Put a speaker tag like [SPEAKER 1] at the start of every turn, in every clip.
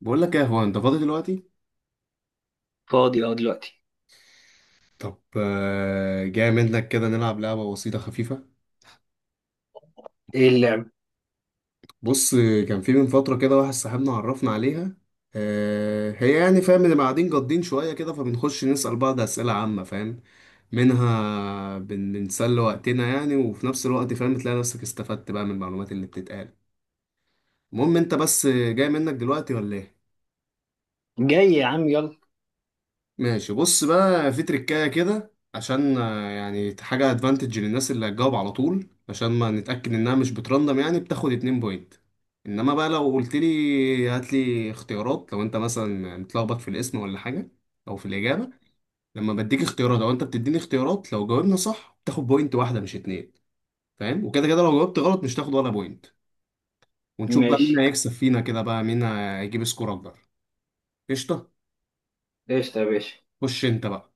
[SPEAKER 1] بقول لك ايه، هو انت فاضي دلوقتي؟
[SPEAKER 2] فاضي اه دلوقتي.
[SPEAKER 1] طب جاي منك كده نلعب لعبة بسيطة خفيفة.
[SPEAKER 2] ايه اللعب؟
[SPEAKER 1] بص كان في من فترة كده واحد صاحبنا عرفنا عليها. هي يعني فاهم اللي قاعدين جادين شوية كده، فبنخش نسأل بعض أسئلة عامة، فاهم. منها بنسلي وقتنا يعني، وفي نفس الوقت فاهم تلاقي نفسك استفدت بقى من المعلومات اللي بتتقال. المهم انت بس جاي منك دلوقتي ولا ايه؟
[SPEAKER 2] جاي يا عم، يلا.
[SPEAKER 1] ماشي. بص بقى في تريكاية كده، عشان يعني حاجة ادفانتج للناس اللي هتجاوب على طول، عشان ما نتأكد انها مش بترندم، يعني بتاخد اتنين بوينت. انما بقى لو قلت لي هات لي اختيارات، لو انت مثلا متلخبط في الاسم ولا حاجة او في الإجابة، لما بديك اختيارات او انت بتديني اختيارات، لو جاوبنا صح بتاخد بوينت واحدة مش اتنين، فاهم. وكده كده لو جاوبت غلط مش تاخد ولا بوينت. ونشوف بقى مين
[SPEAKER 2] ماشي.
[SPEAKER 1] هيكسب فينا كده، بقى مين هيجيب سكور اكبر. قشطة.
[SPEAKER 2] قشطة يا باشا.
[SPEAKER 1] خش انت بقى،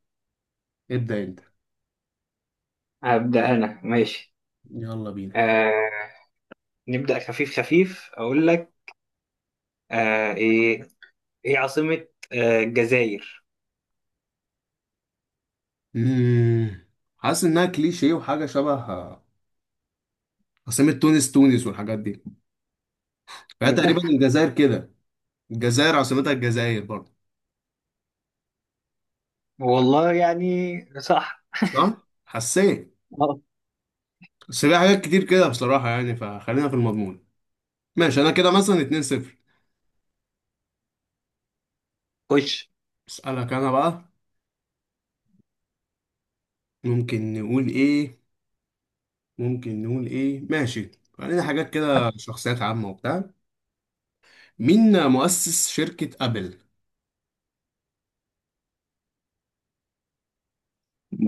[SPEAKER 1] ابدأ انت.
[SPEAKER 2] هبدأ انا، ماشي.
[SPEAKER 1] يلا بينا.
[SPEAKER 2] آه. نبدأ خفيف خفيف، اقول لك. ايه؟ ايه عاصمة الجزائر؟
[SPEAKER 1] مم. حاسس انها كليشيه وحاجه شبه، عاصمه تونس تونس والحاجات دي، فهي تقريبا الجزائر كده. الجزائر عاصمتها الجزائر برضه.
[SPEAKER 2] والله يعني، صح.
[SPEAKER 1] صح حسيت.
[SPEAKER 2] آه،
[SPEAKER 1] بس في حاجات كتير كده بصراحه يعني، فخلينا في المضمون. ماشي، انا كده مثلا 2-0.
[SPEAKER 2] خش
[SPEAKER 1] اسالك انا بقى. ممكن نقول ايه؟ ممكن نقول ايه، ماشي، خلينا حاجات كده، شخصيات عامه وبتاع. مين مؤسس شركه ابل؟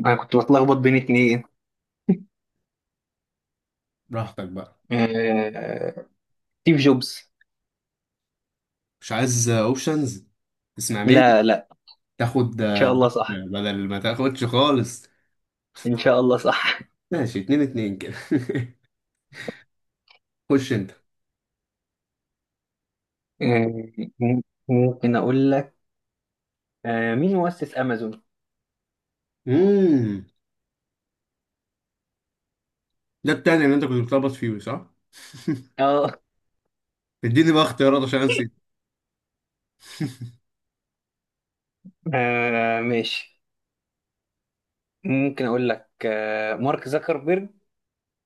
[SPEAKER 2] انا كنت بتلخبط بين اتنين.
[SPEAKER 1] براحتك بقى.
[SPEAKER 2] آه ستيف جوبز.
[SPEAKER 1] مش عايز اوبشنز؟ تسمع،
[SPEAKER 2] لا لا.
[SPEAKER 1] تاخد
[SPEAKER 2] ان شاء الله صح.
[SPEAKER 1] بدل ما تاخدش خالص.
[SPEAKER 2] ان شاء الله صح.
[SPEAKER 1] ماشي، اتنين اتنين كده. خش انت.
[SPEAKER 2] آه، ممكن اقول لك مين مؤسس امازون.
[SPEAKER 1] امم ده التاني اللي انت كنت بتلخبط فيه، صح؟
[SPEAKER 2] اه.
[SPEAKER 1] اديني بقى اختيارات عشان انسى.
[SPEAKER 2] ماشي. ممكن اقول لك مارك زكربيرج،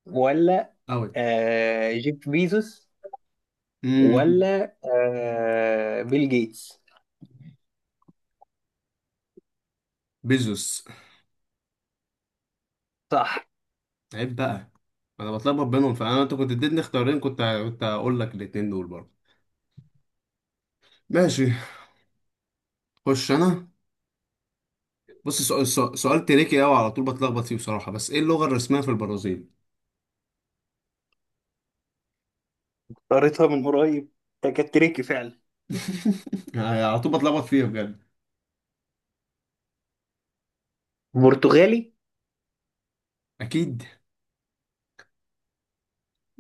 [SPEAKER 2] ولا
[SPEAKER 1] اوت.
[SPEAKER 2] جيف بيزوس،
[SPEAKER 1] امم
[SPEAKER 2] ولا بيل جيتس؟
[SPEAKER 1] بيزوس.
[SPEAKER 2] صح.
[SPEAKER 1] عيب بقى. انا بتلخبط بينهم، فانا انت كنت اديتني اختيارين، كنت هقول لك الاتنين دول برضه. ماشي، خش انا. بص، سؤال تريكي قوي، على طول بتلخبط فيه بصراحة، بس ايه اللغة الرسمية في البرازيل؟
[SPEAKER 2] قريتها من قريب، ده كانت تريكي فعلا.
[SPEAKER 1] على طول بتلخبط فيها بجد.
[SPEAKER 2] برتغالي،
[SPEAKER 1] اكيد.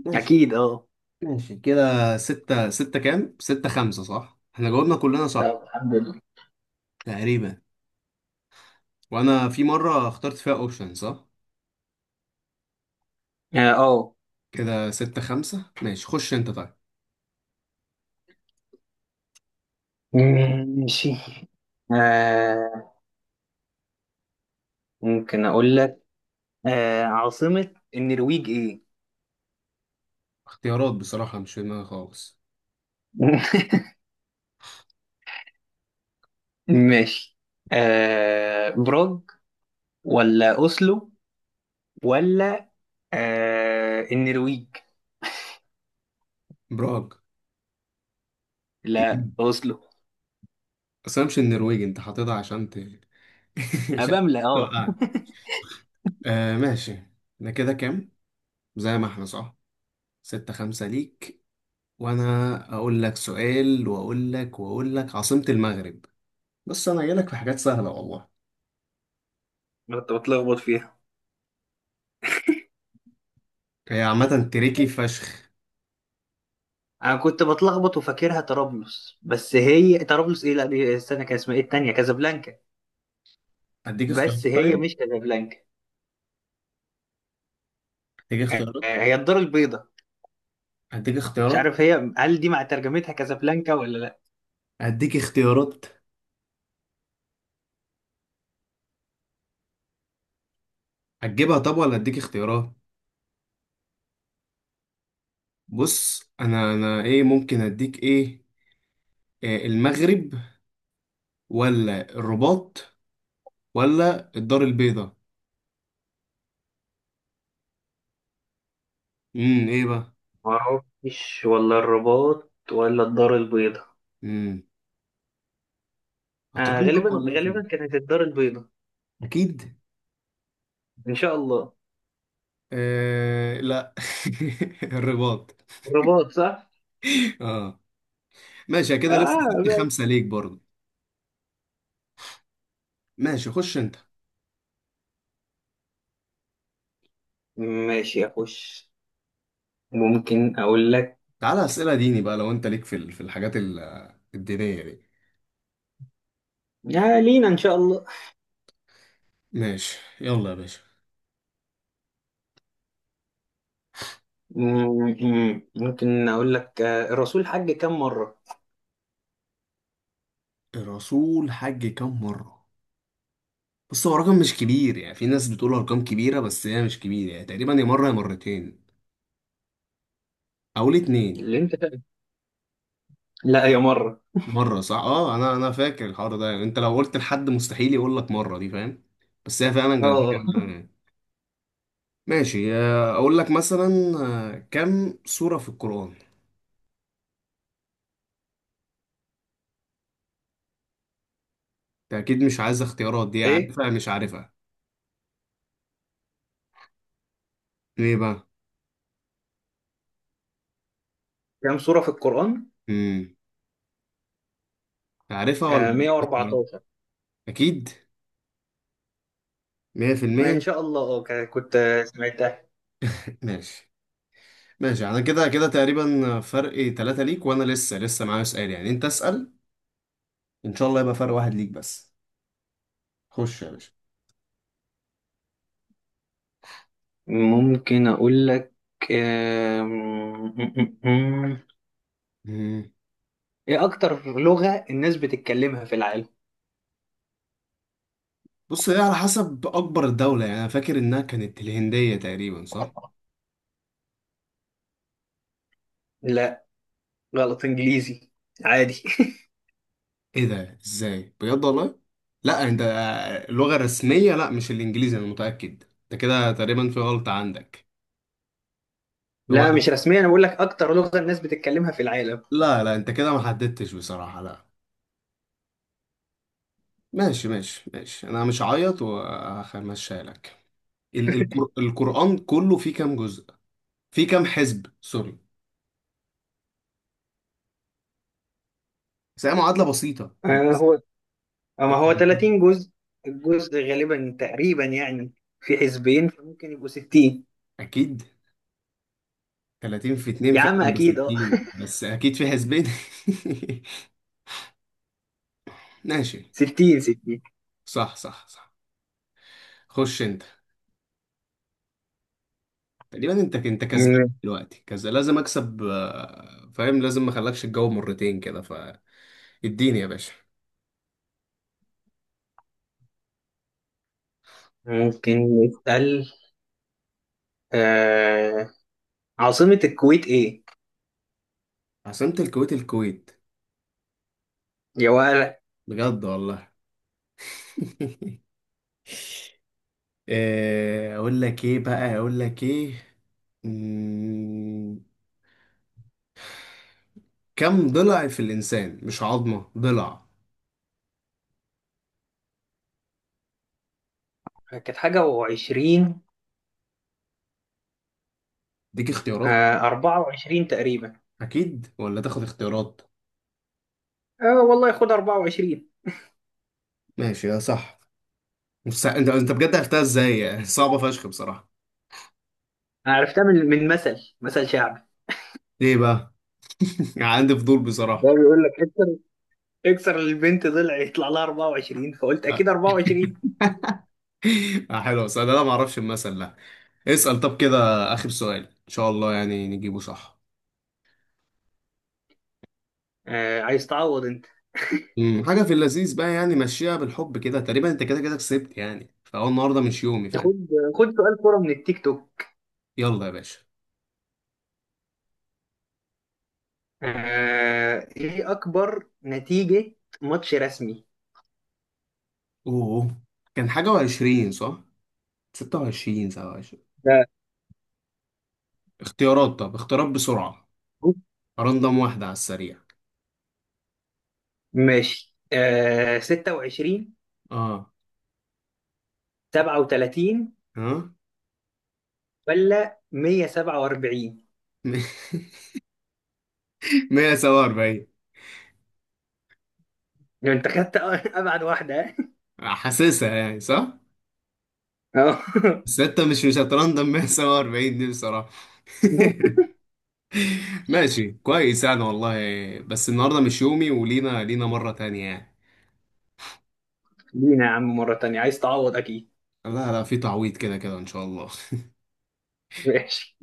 [SPEAKER 1] ماشي،
[SPEAKER 2] اكيد اه.
[SPEAKER 1] ماشي كده ستة ستة كام؟ ستة خمسة، صح؟ احنا جاوبنا كلنا
[SPEAKER 2] طب
[SPEAKER 1] صح
[SPEAKER 2] الحمد لله.
[SPEAKER 1] تقريبا. وأنا في مرة اخترت فيها أوبشن، صح؟
[SPEAKER 2] اه.
[SPEAKER 1] كده ستة خمسة. ماشي، خش أنت طيب.
[SPEAKER 2] ماشي. آه، ممكن اقول لك عاصمة النرويج ايه؟
[SPEAKER 1] اختيارات بصراحة مش في دماغي خالص.
[SPEAKER 2] ماشي. براغ ولا اوسلو، ولا النرويج؟
[SPEAKER 1] براغ.
[SPEAKER 2] لا، اوسلو.
[SPEAKER 1] بس أنا مش النرويج أنت حاططها عشان عشان
[SPEAKER 2] ابملة اه.
[SPEAKER 1] توقعني. آه، ماشي. احنا كده كام؟ زي ما احنا، صح؟ ستة خمسة ليك. وأنا أقول لك سؤال وأقول لك عاصمة المغرب. بس أنا جايلك في حاجات سهلة والله.
[SPEAKER 2] أنا كنت بتلخبط فيها.
[SPEAKER 1] هي عامة تريكي فشخ.
[SPEAKER 2] انا كنت بتلخبط، وفاكرها طرابلس، بس هي طرابلس ايه؟ لا، دي استنى، كان اسمها ايه؟ التانية كازابلانكا.
[SPEAKER 1] هديك اختيارات
[SPEAKER 2] بس هي
[SPEAKER 1] طيب.
[SPEAKER 2] مش كازابلانكا.
[SPEAKER 1] هديك اختيارات.
[SPEAKER 2] هي الدار البيضاء.
[SPEAKER 1] هديك
[SPEAKER 2] مش
[SPEAKER 1] اختيارات.
[SPEAKER 2] عارف هي، هل دي مع ترجمتها كازابلانكا ولا لا.
[SPEAKER 1] هديك اختيارات. هتجيبها طب ولا هديك اختيارات؟ بص، انا ايه، ممكن اديك ايه. المغرب، ولا الرباط، ولا الدار البيضاء؟ ايه بقى.
[SPEAKER 2] ما اعرفش، ولا الرباط ولا الدار البيضاء.
[SPEAKER 1] امم هتردم طب
[SPEAKER 2] غالبا
[SPEAKER 1] ولا لأ؟
[SPEAKER 2] غالبا كانت الدار البيضاء.
[SPEAKER 1] اكيد.
[SPEAKER 2] ان شاء الله.
[SPEAKER 1] آه، لا. الرباط.
[SPEAKER 2] الرباط صح.
[SPEAKER 1] اه، ماشي كده لسه
[SPEAKER 2] اه،
[SPEAKER 1] ستة
[SPEAKER 2] ماشي.
[SPEAKER 1] خمسة ليك برضه. ماشي خش انت.
[SPEAKER 2] ماشي يا خوش. ممكن اقول لك
[SPEAKER 1] تعالى اسئلة ديني بقى، لو انت ليك في في الحاجات الدينية دي.
[SPEAKER 2] لينا ان شاء الله.
[SPEAKER 1] ماشي يلا يا باشا.
[SPEAKER 2] ممكن اقول لك، الرسول حج كم مره؟
[SPEAKER 1] الرسول حج كام مرة؟ بص هو رقم مش كبير يعني، في ناس بتقول ارقام كبيرة بس هي مش كبيرة، يعني تقريبا يا مرة يا مرتين او الاتنين.
[SPEAKER 2] اللي انت فاهم. لا، يا مره.
[SPEAKER 1] مرة، صح. اه، انا فاكر الحوار ده، يعني انت لو قلت لحد مستحيل يقول لك مرة دي، فاهم. بس هي فعلا كانت
[SPEAKER 2] اه.
[SPEAKER 1] كده. ماشي، اقول لك مثلا كم سورة في القرآن؟ انت اكيد مش عايز اختيارات. دي
[SPEAKER 2] ايه،
[SPEAKER 1] عارفها مش عارفها ليه بقى.
[SPEAKER 2] كم سوره في القران؟
[SPEAKER 1] امم عارفها ولا بديك اختيارات؟
[SPEAKER 2] 114.
[SPEAKER 1] اكيد. 100%.
[SPEAKER 2] ان شاء الله اه. كنت سمعتها.
[SPEAKER 1] ماشي، ماشي. انا كده كده تقريبا فرق ثلاثة ليك، وانا لسه لسه معايا سؤال يعني، انت اسأل، ان شاء الله يبقى فرق واحد ليك بس. خش يا باشا.
[SPEAKER 2] ممكن اقول لك آه، م- م- م- م.
[SPEAKER 1] مم.
[SPEAKER 2] ايه اكتر لغه الناس بتتكلمها في العالم؟
[SPEAKER 1] بص هي على حسب اكبر دولة، يعني انا فاكر انها كانت الهندية تقريبا، صح؟
[SPEAKER 2] لا، غلط. انجليزي، عادي.
[SPEAKER 1] ايه ده، ازاي بجد والله. لا، انت اللغة الرسمية، لا مش الانجليزي، انا متأكد. انت كده تقريبا في غلطة عندك. اللغة
[SPEAKER 2] لا، مش
[SPEAKER 1] الرسمية.
[SPEAKER 2] رسميا، انا بقول لك اكتر لغه الناس بتتكلمها في العالم.
[SPEAKER 1] لا لا، انت كده ما حددتش بصراحة، لا. ماشي ماشي ماشي، انا مش هعيط وهمشيها لك. القرآن كله فيه كام جزء؟ فيه كام حزب، سوري. بس هي معادلة بسيطة.
[SPEAKER 2] هو، اما هو
[SPEAKER 1] طبعاً ده.
[SPEAKER 2] 30 جزء. الجزء غالبا تقريبا يعني في حزبين، فممكن يبقوا 60.
[SPEAKER 1] أكيد 30 في 2
[SPEAKER 2] يا عم
[SPEAKER 1] فعلا ب
[SPEAKER 2] اكيد اه.
[SPEAKER 1] 60، بس أكيد في حزبين. ماشي،
[SPEAKER 2] 60، 60.
[SPEAKER 1] صح صح صح. خش أنت. تقريبا أنت كسبان
[SPEAKER 2] مم.
[SPEAKER 1] دلوقتي كذا، لازم أكسب فاهم، لازم ما أخلكش الجو مرتين كده. فاديني يا باشا.
[SPEAKER 2] ممكن نسأل آه عاصمة الكويت ايه؟
[SPEAKER 1] عاصمة الكويت الكويت،
[SPEAKER 2] يا ولا.
[SPEAKER 1] بجد والله. اقول لك ايه بقى، اقول لك ايه، مم، كم ضلع في الانسان، مش عظمة ضلع؟
[SPEAKER 2] كانت حاجة و20.
[SPEAKER 1] ديك اختيارات
[SPEAKER 2] 24 تقريبا.
[SPEAKER 1] اكيد، ولا تاخد اختيارات؟
[SPEAKER 2] اه والله، خد 24.
[SPEAKER 1] ماشي يا صح. بس انت بجد عرفتها ازاي؟ صعبة فشخ بصراحة.
[SPEAKER 2] أنا عرفتها من مثل شعبي.
[SPEAKER 1] ليه بقى؟ عندي فضول
[SPEAKER 2] ده
[SPEAKER 1] بصراحة.
[SPEAKER 2] بيقول لك اكسر اكسر البنت ضلع، يطلع لها 24، فقلت اكيد 24.
[SPEAKER 1] حلو بس انا ما اعرفش المثل ده. اسأل طب كده اخر سؤال، ان شاء الله يعني نجيبه صح.
[SPEAKER 2] عايز تعوض انت.
[SPEAKER 1] حاجة في اللذيذ بقى يعني، مشيها بالحب كده، تقريبا انت كده كده كسبت يعني، فهو النهارده مش يومي، فاهم.
[SPEAKER 2] خد خد سؤال كورة من التيك توك.
[SPEAKER 1] يلا يا باشا.
[SPEAKER 2] ايه اكبر نتيجة ماتش رسمي؟
[SPEAKER 1] اوه. كان حاجة وعشرين، صح؟ 26، 27.
[SPEAKER 2] ده
[SPEAKER 1] اختيارات طب، اختيارات بسرعة، رندم واحدة على السريع.
[SPEAKER 2] ماشي. 26،
[SPEAKER 1] اه.
[SPEAKER 2] 37،
[SPEAKER 1] ها.
[SPEAKER 2] ولا 147؟
[SPEAKER 1] 147.
[SPEAKER 2] لو انت خدت ابعد واحدة.
[SPEAKER 1] حاسسها يعني، صح؟
[SPEAKER 2] اه.
[SPEAKER 1] بس انت مش هترندم 147 دي بصراحة. ماشي كويس يعني والله. بس النهاردة مش يومي، ولينا مرة تانية يعني.
[SPEAKER 2] لينا يا عم، مرة تانية عايز تعوض اكيد.
[SPEAKER 1] لا لا، في تعويض كده كده إن شاء الله.
[SPEAKER 2] ماشي.